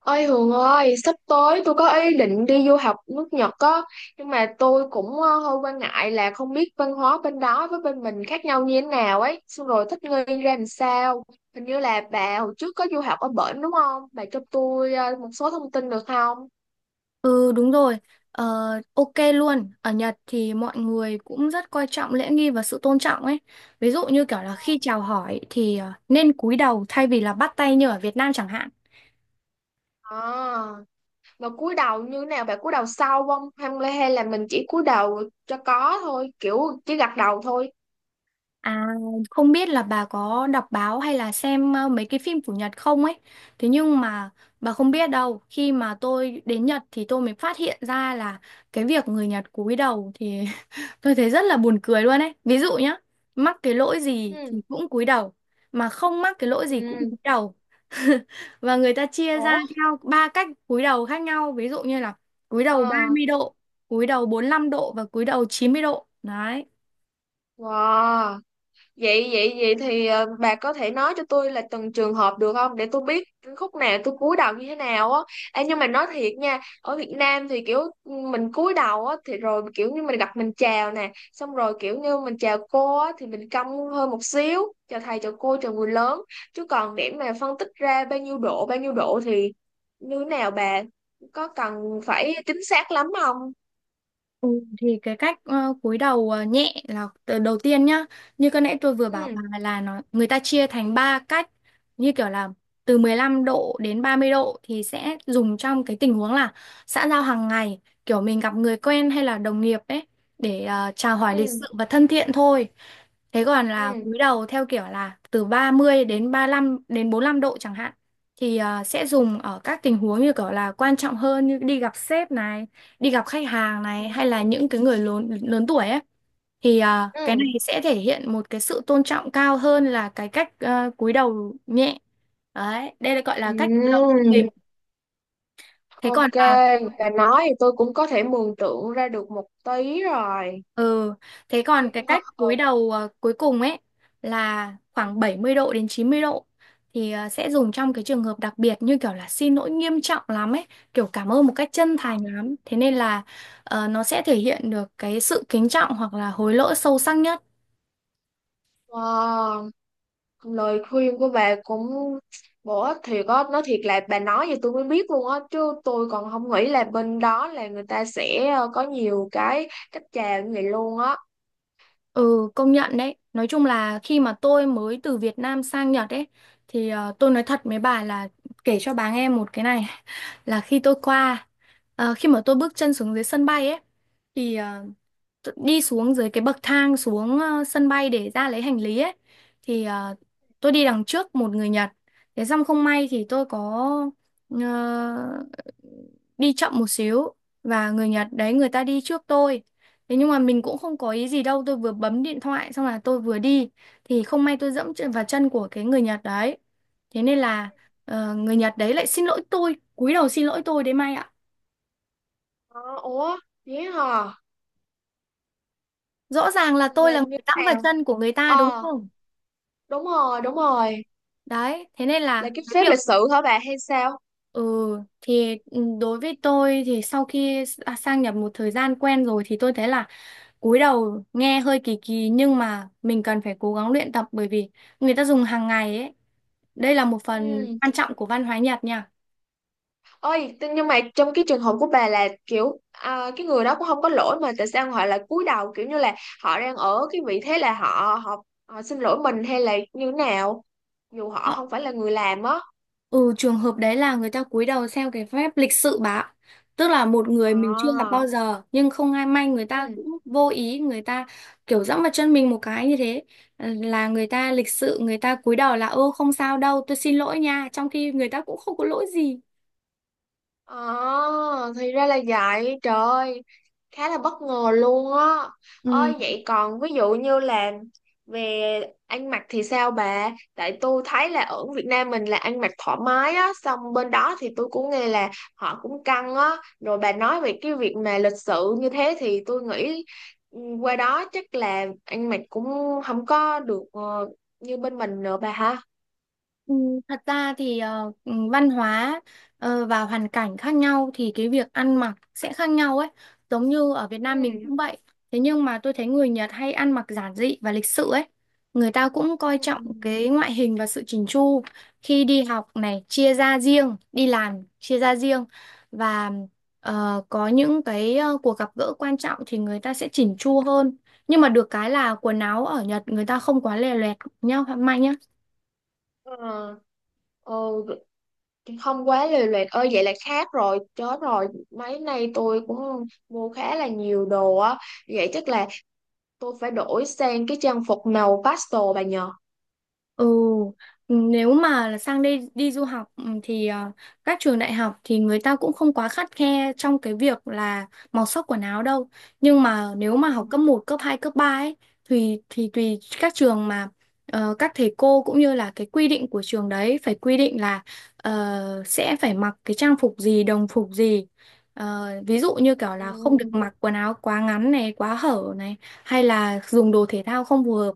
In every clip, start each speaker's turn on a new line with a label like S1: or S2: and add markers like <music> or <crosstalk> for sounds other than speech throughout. S1: Ôi Hường ơi, sắp tới tôi có ý định đi du học nước Nhật á, nhưng mà tôi cũng hơi quan ngại là không biết văn hóa bên đó với bên mình khác nhau như thế nào ấy, xong rồi thích nghi ra làm sao. Hình như là bà hồi trước có du học ở bển đúng không? Bà cho tôi một số thông tin được không?
S2: Ừ đúng rồi, ờ, ok luôn. Ở Nhật thì mọi người cũng rất coi trọng lễ nghi và sự tôn trọng ấy. Ví dụ như kiểu là khi chào hỏi thì nên cúi đầu thay vì là bắt tay như ở Việt Nam chẳng hạn.
S1: À, mà cúi đầu như thế nào? Bà cúi đầu sau không? Hay là mình chỉ cúi đầu cho có thôi, kiểu chỉ gật đầu thôi.
S2: À, không biết là bà có đọc báo hay là xem mấy cái phim của Nhật không ấy. Thế nhưng mà bà không biết đâu, khi mà tôi đến Nhật thì tôi mới phát hiện ra là cái việc người Nhật cúi đầu thì <laughs> tôi thấy rất là buồn cười luôn ấy. Ví dụ nhá, mắc cái lỗi gì thì
S1: Ừ,
S2: cũng cúi đầu, mà không mắc cái lỗi gì cũng
S1: ừ,
S2: cúi đầu. <laughs> Và người ta chia ra
S1: ủa,
S2: theo ba cách cúi đầu khác nhau, ví dụ như là cúi đầu ba
S1: ờ,
S2: mươi độ, cúi đầu 45 độ và cúi đầu 90 độ. Đấy.
S1: wow. vậy vậy vậy thì bà có thể nói cho tôi là từng trường hợp được không để tôi biết khúc nào tôi cúi đầu như thế nào á. Ê, nhưng mà nói thiệt nha ở Việt Nam thì kiểu mình cúi đầu á thì rồi kiểu như mình gặp mình chào nè xong rồi kiểu như mình chào cô á thì mình cong hơn một xíu chào thầy chào cô chào người lớn, chứ còn để mà phân tích ra bao nhiêu độ thì như thế nào bà, có cần phải chính xác lắm không?
S2: Ừ, thì cái cách cúi đầu nhẹ là từ đầu tiên nhá, như cái nãy tôi vừa bảo bà
S1: Ừ,
S2: là nó người ta chia thành ba cách, như kiểu là từ 15 độ đến 30 độ thì sẽ dùng trong cái tình huống là xã giao hàng ngày, kiểu mình gặp người quen hay là đồng nghiệp ấy, để chào hỏi lịch sự
S1: ừ,
S2: và thân thiện thôi. Thế còn là
S1: ừ,
S2: cúi đầu theo kiểu là từ 30 đến 35 đến 45 độ chẳng hạn thì sẽ dùng ở các tình huống như kiểu là quan trọng hơn, như đi gặp sếp này, đi gặp khách hàng
S1: ừ,
S2: này, hay là những cái người lớn lớn tuổi ấy, thì cái này sẽ thể hiện một cái sự tôn trọng cao hơn là cái cách cúi đầu nhẹ. Đấy, đây là gọi là
S1: ừ,
S2: cách cúi đầu trung
S1: ừ.
S2: bình. thế còn
S1: Ok,
S2: là
S1: bà nói thì tôi cũng có thể mường tượng ra được một tí rồi.
S2: ừ thế còn cái
S1: Ờ,
S2: cách
S1: ờ,
S2: cúi đầu cuối cùng ấy là khoảng 70 độ đến 90 độ thì sẽ dùng trong cái trường hợp đặc biệt như kiểu là xin lỗi nghiêm trọng lắm ấy, kiểu cảm ơn một cách chân thành lắm. Thế nên là nó sẽ thể hiện được cái sự kính trọng hoặc là hối lỗi sâu sắc nhất.
S1: ờ, lời khuyên của bà cũng bổ ích thiệt á, nói thiệt là bà nói thì tôi mới biết luôn á, chứ tôi còn không nghĩ là bên đó là người ta sẽ có nhiều cái cách chào như vậy luôn á.
S2: Ừ, công nhận đấy. Nói chung là khi mà tôi mới từ Việt Nam sang Nhật ấy, thì tôi nói thật với bà là kể cho bà nghe một cái này. <laughs> Là khi tôi qua, khi mà tôi bước chân xuống dưới sân bay ấy, thì đi xuống dưới cái bậc thang xuống sân bay để ra lấy hành lý ấy, thì tôi đi đằng trước một người Nhật. Thế xong không may thì tôi có ờ, đi chậm một xíu, và người Nhật đấy người ta đi trước tôi. Thế nhưng mà mình cũng không có ý gì đâu, tôi vừa bấm điện thoại xong là tôi vừa đi, thì không may tôi vào chân của cái người Nhật đấy. Thế nên là người Nhật đấy lại xin lỗi tôi, cúi đầu xin lỗi tôi đấy Mai ạ,
S1: Ờ, ủa, vậy hả?
S2: rõ ràng là tôi
S1: Là
S2: là
S1: như
S2: người
S1: thế
S2: dẫm vào
S1: nào?
S2: chân của người ta đúng
S1: Ờ,
S2: không?
S1: đúng rồi, đúng rồi.
S2: Đấy, thế nên
S1: Là
S2: là
S1: cái
S2: cái
S1: phép
S2: việc
S1: lịch sự hả bà hay sao?
S2: ừ đối với tôi thì sau khi sang nhập một thời gian quen rồi thì tôi thấy là cúi đầu nghe hơi kỳ kỳ, nhưng mà mình cần phải cố gắng luyện tập bởi vì người ta dùng hàng ngày ấy. Đây là một phần
S1: Ừ.
S2: quan trọng của văn hóa Nhật nha.
S1: Ôi, thế nhưng mà trong cái trường hợp của bà là kiểu cái người đó cũng không có lỗi mà tại sao họ lại cúi đầu kiểu như là họ đang ở cái vị thế là họ họ, họ xin lỗi mình hay là như thế nào dù họ không phải là người làm á.
S2: Ừ, trường hợp đấy là người ta cúi đầu xem cái phép lịch sự bà ạ. Tức là một người mình chưa gặp
S1: À,
S2: bao giờ nhưng không ai may người ta
S1: ừ.
S2: cũng vô ý, người ta kiểu dẫm vào chân mình một cái như thế. Là người ta lịch sự, người ta cúi đầu là ô không sao đâu tôi xin lỗi nha, trong khi người ta cũng không có lỗi gì.
S1: À, thì ra là vậy, trời ơi, khá là bất ngờ luôn á.
S2: Ừ,
S1: Ôi vậy còn ví dụ như là về ăn mặc thì sao bà? Tại tôi thấy là ở Việt Nam mình là ăn mặc thoải mái á, xong bên đó thì tôi cũng nghe là họ cũng căng á. Rồi bà nói về cái việc mà lịch sự như thế thì tôi nghĩ qua đó chắc là ăn mặc cũng không có được như bên mình nữa bà ha.
S2: ừ, thật ra thì ừ, văn hóa và hoàn cảnh khác nhau thì cái việc ăn mặc sẽ khác nhau ấy. Giống như ở Việt Nam mình
S1: Ừ.
S2: cũng vậy. Thế nhưng mà tôi thấy người Nhật hay ăn mặc giản dị và lịch sự ấy. Người ta cũng coi
S1: Ừ.
S2: trọng cái ngoại hình và sự chỉnh chu. Khi đi học này chia ra riêng, đi làm chia ra riêng, và có những cái cuộc gặp gỡ quan trọng thì người ta sẽ chỉnh chu hơn. Nhưng mà được cái là quần áo ở Nhật người ta không quá lè loẹt nhá, manh nhá.
S1: Ờ. Ừ, không quá lề loẹt ơi vậy là khác rồi chết rồi mấy nay tôi cũng mua khá là nhiều đồ á vậy chắc là tôi phải đổi sang cái trang phục màu pastel bà nhờ.
S2: Ừ, ừ, nếu mà là sang đây đi du học, ừ, thì các trường đại học thì người ta cũng không quá khắt khe trong cái việc là màu sắc quần áo đâu. Nhưng mà nếu mà học cấp một cấp 2 cấp 3 ấy thì tùy các trường mà các thầy cô cũng như là cái quy định của trường đấy phải quy định là sẽ phải mặc cái trang phục gì, đồng phục gì. Ví dụ như kiểu
S1: Ừ.
S2: là không được mặc quần áo quá ngắn này, quá hở này, hay là dùng đồ thể thao không phù hợp.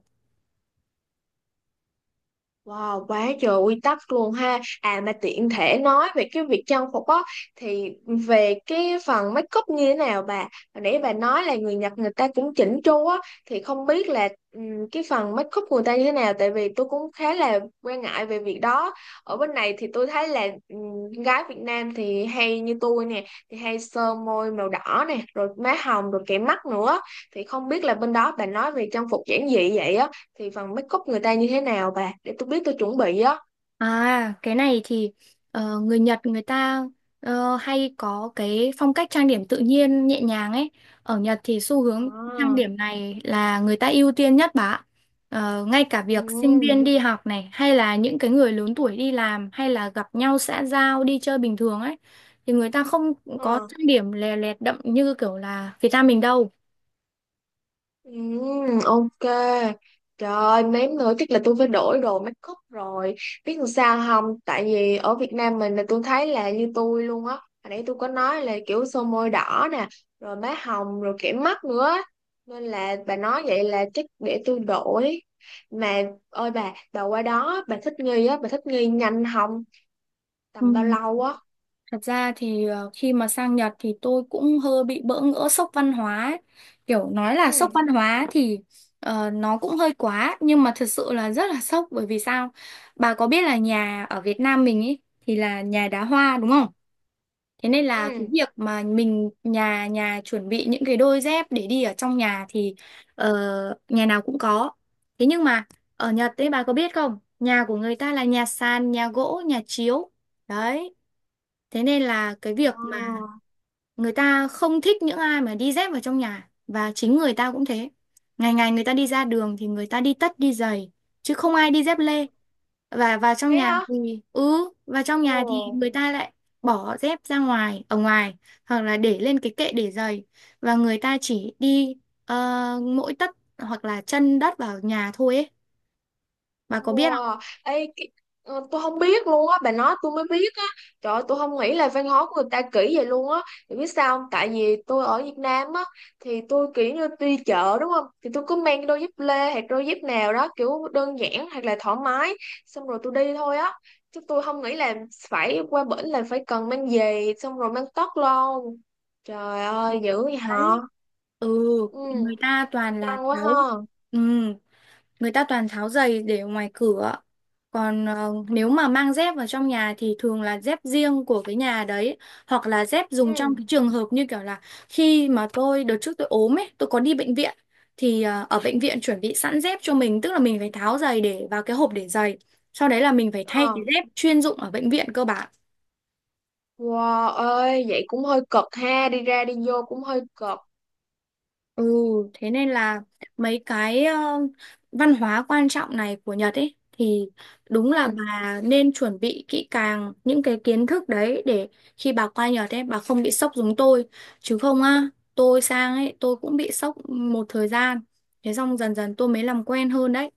S1: Wow, quá trời quy tắc luôn ha. À mà tiện thể nói về cái việc trang phục á thì về cái phần make up như thế nào bà? Hồi nãy bà nói là người Nhật người ta cũng chỉnh chu á thì không biết là cái phần make up của người ta như thế nào tại vì tôi cũng khá là quan ngại về việc đó. Ở bên này thì tôi thấy là gái Việt Nam thì hay như tôi nè, thì hay sơ môi màu đỏ nè, rồi má hồng rồi kẻ mắt nữa. Thì không biết là bên đó bà nói về trang phục giản dị vậy á thì phần make up người ta như thế nào bà để tôi biết tôi chuẩn bị á.
S2: À, cái này thì người Nhật người ta hay có cái phong cách trang điểm tự nhiên nhẹ nhàng ấy. Ở Nhật thì xu hướng trang
S1: À,
S2: điểm này là người ta ưu tiên nhất, bà ạ. Ngay cả việc sinh viên
S1: ừ,
S2: đi học này hay là những cái người lớn tuổi đi làm hay là gặp nhau xã giao đi chơi bình thường ấy thì người ta không có
S1: ờ,
S2: trang điểm lè lẹt đậm như kiểu là Việt Nam mình đâu.
S1: ừ, ok, trời ơi, mém nữa chắc là tôi phải đổi đồ make up rồi biết làm sao không tại vì ở Việt Nam mình là tôi thấy là như tôi luôn á hồi nãy tôi có nói là kiểu son môi đỏ nè rồi má hồng rồi kẻ mắt nữa á. Nên là bà nói vậy là chắc để tôi đổi mà ôi bà qua đó bà thích nghi á bà thích nghi nhanh không tầm bao lâu á?
S2: Thật ra thì khi mà sang Nhật thì tôi cũng hơi bị bỡ ngỡ, sốc văn hóa ấy. Kiểu nói là sốc
S1: Ừ.
S2: văn hóa thì nó cũng hơi quá, nhưng mà thật sự là rất là sốc, bởi vì sao? Bà có biết là nhà ở Việt Nam mình ấy thì là nhà đá hoa đúng không? Thế nên là cái
S1: Ừ.
S2: việc mà mình nhà nhà chuẩn bị những cái đôi dép để đi ở trong nhà thì ờ, nhà nào cũng có. Thế nhưng mà ở Nhật ấy bà có biết không? Nhà của người ta là nhà sàn, nhà gỗ, nhà chiếu. Đấy. Thế nên là cái
S1: Ờ,
S2: việc mà người ta không thích những ai mà đi dép vào trong nhà, và chính người ta cũng thế. Ngày ngày người ta đi ra đường thì người ta đi tất đi giày chứ không ai đi dép lê. Và vào trong
S1: thế
S2: nhà
S1: hả?
S2: thì ừ, Vào trong nhà thì
S1: Ồ,
S2: người ta lại bỏ dép ra ngoài, ở ngoài hoặc là để lên cái kệ để giày, và người ta chỉ đi ờ, mỗi tất hoặc là chân đất vào nhà thôi ấy. Bà có biết không?
S1: wow. Ê, cái, tôi không biết luôn á, bà nói tôi mới biết á. Trời ơi, tôi không nghĩ là văn hóa của người ta kỹ vậy luôn á. Thì biết sao không? Tại vì tôi ở Việt Nam á, thì tôi kiểu như đi chợ đúng không? Thì tôi cứ mang đôi dép lê hoặc đôi dép nào đó kiểu đơn giản hoặc là thoải mái. Xong rồi tôi đi thôi á. Chứ tôi không nghĩ là phải qua bển là phải cần mang giày xong rồi mang tất luôn. Trời ơi, dữ vậy hả?
S2: Đấy. Ừ,
S1: Ừ,
S2: người ta toàn là
S1: căng quá ha.
S2: tháo. Ừ. Người ta toàn tháo giày để ở ngoài cửa. Còn nếu mà mang dép vào trong nhà thì thường là dép riêng của cái nhà đấy, hoặc là dép dùng trong
S1: Ừ.
S2: cái trường hợp như kiểu là khi mà tôi đợt trước tôi ốm ấy tôi có đi bệnh viện thì ở bệnh viện chuẩn bị sẵn dép cho mình, tức là mình phải tháo giày để vào cái hộp để giày, sau đấy là mình phải thay
S1: Ờ.
S2: cái dép chuyên dụng ở bệnh viện cơ bản.
S1: Wow ơi, vậy cũng hơi cực ha, đi ra đi vô cũng hơi cực.
S2: Ừ, thế nên là mấy cái văn hóa quan trọng này của Nhật ấy thì đúng là
S1: Ừ.
S2: bà nên chuẩn bị kỹ càng những cái kiến thức đấy để khi bà qua Nhật ấy bà không bị sốc giống tôi. Chứ không á, tôi sang ấy tôi cũng bị sốc một thời gian, thế xong dần dần tôi mới làm quen hơn đấy.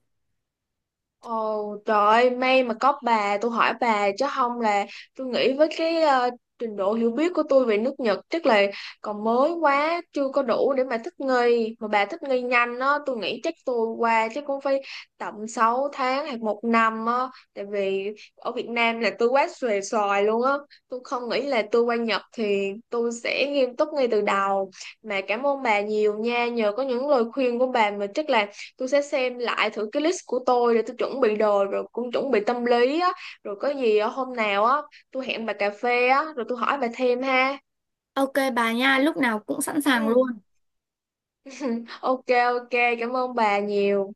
S1: Ồ trời ơi, may mà có bà, tôi hỏi bà chứ không là tôi nghĩ với cái trình độ hiểu biết của tôi về nước Nhật chắc là còn mới quá, chưa có đủ để mà thích nghi. Mà bà thích nghi nhanh á, tôi nghĩ chắc tôi qua chắc cũng phải tầm 6 tháng hoặc một năm á, tại vì ở Việt Nam là tôi quá xuề xòi luôn á. Tôi không nghĩ là tôi qua Nhật thì tôi sẽ nghiêm túc ngay từ đầu. Mà cảm ơn bà nhiều nha, nhờ có những lời khuyên của bà mà chắc là tôi sẽ xem lại thử cái list của tôi để tôi chuẩn bị đồ rồi cũng chuẩn bị tâm lý á rồi có gì á, hôm nào á tôi hẹn bà cà phê á rồi tôi hỏi bà thêm ha.
S2: Ok bà nha, lúc nào cũng sẵn
S1: Ừ,
S2: sàng luôn.
S1: <laughs> ok, ok, cảm ơn bà nhiều.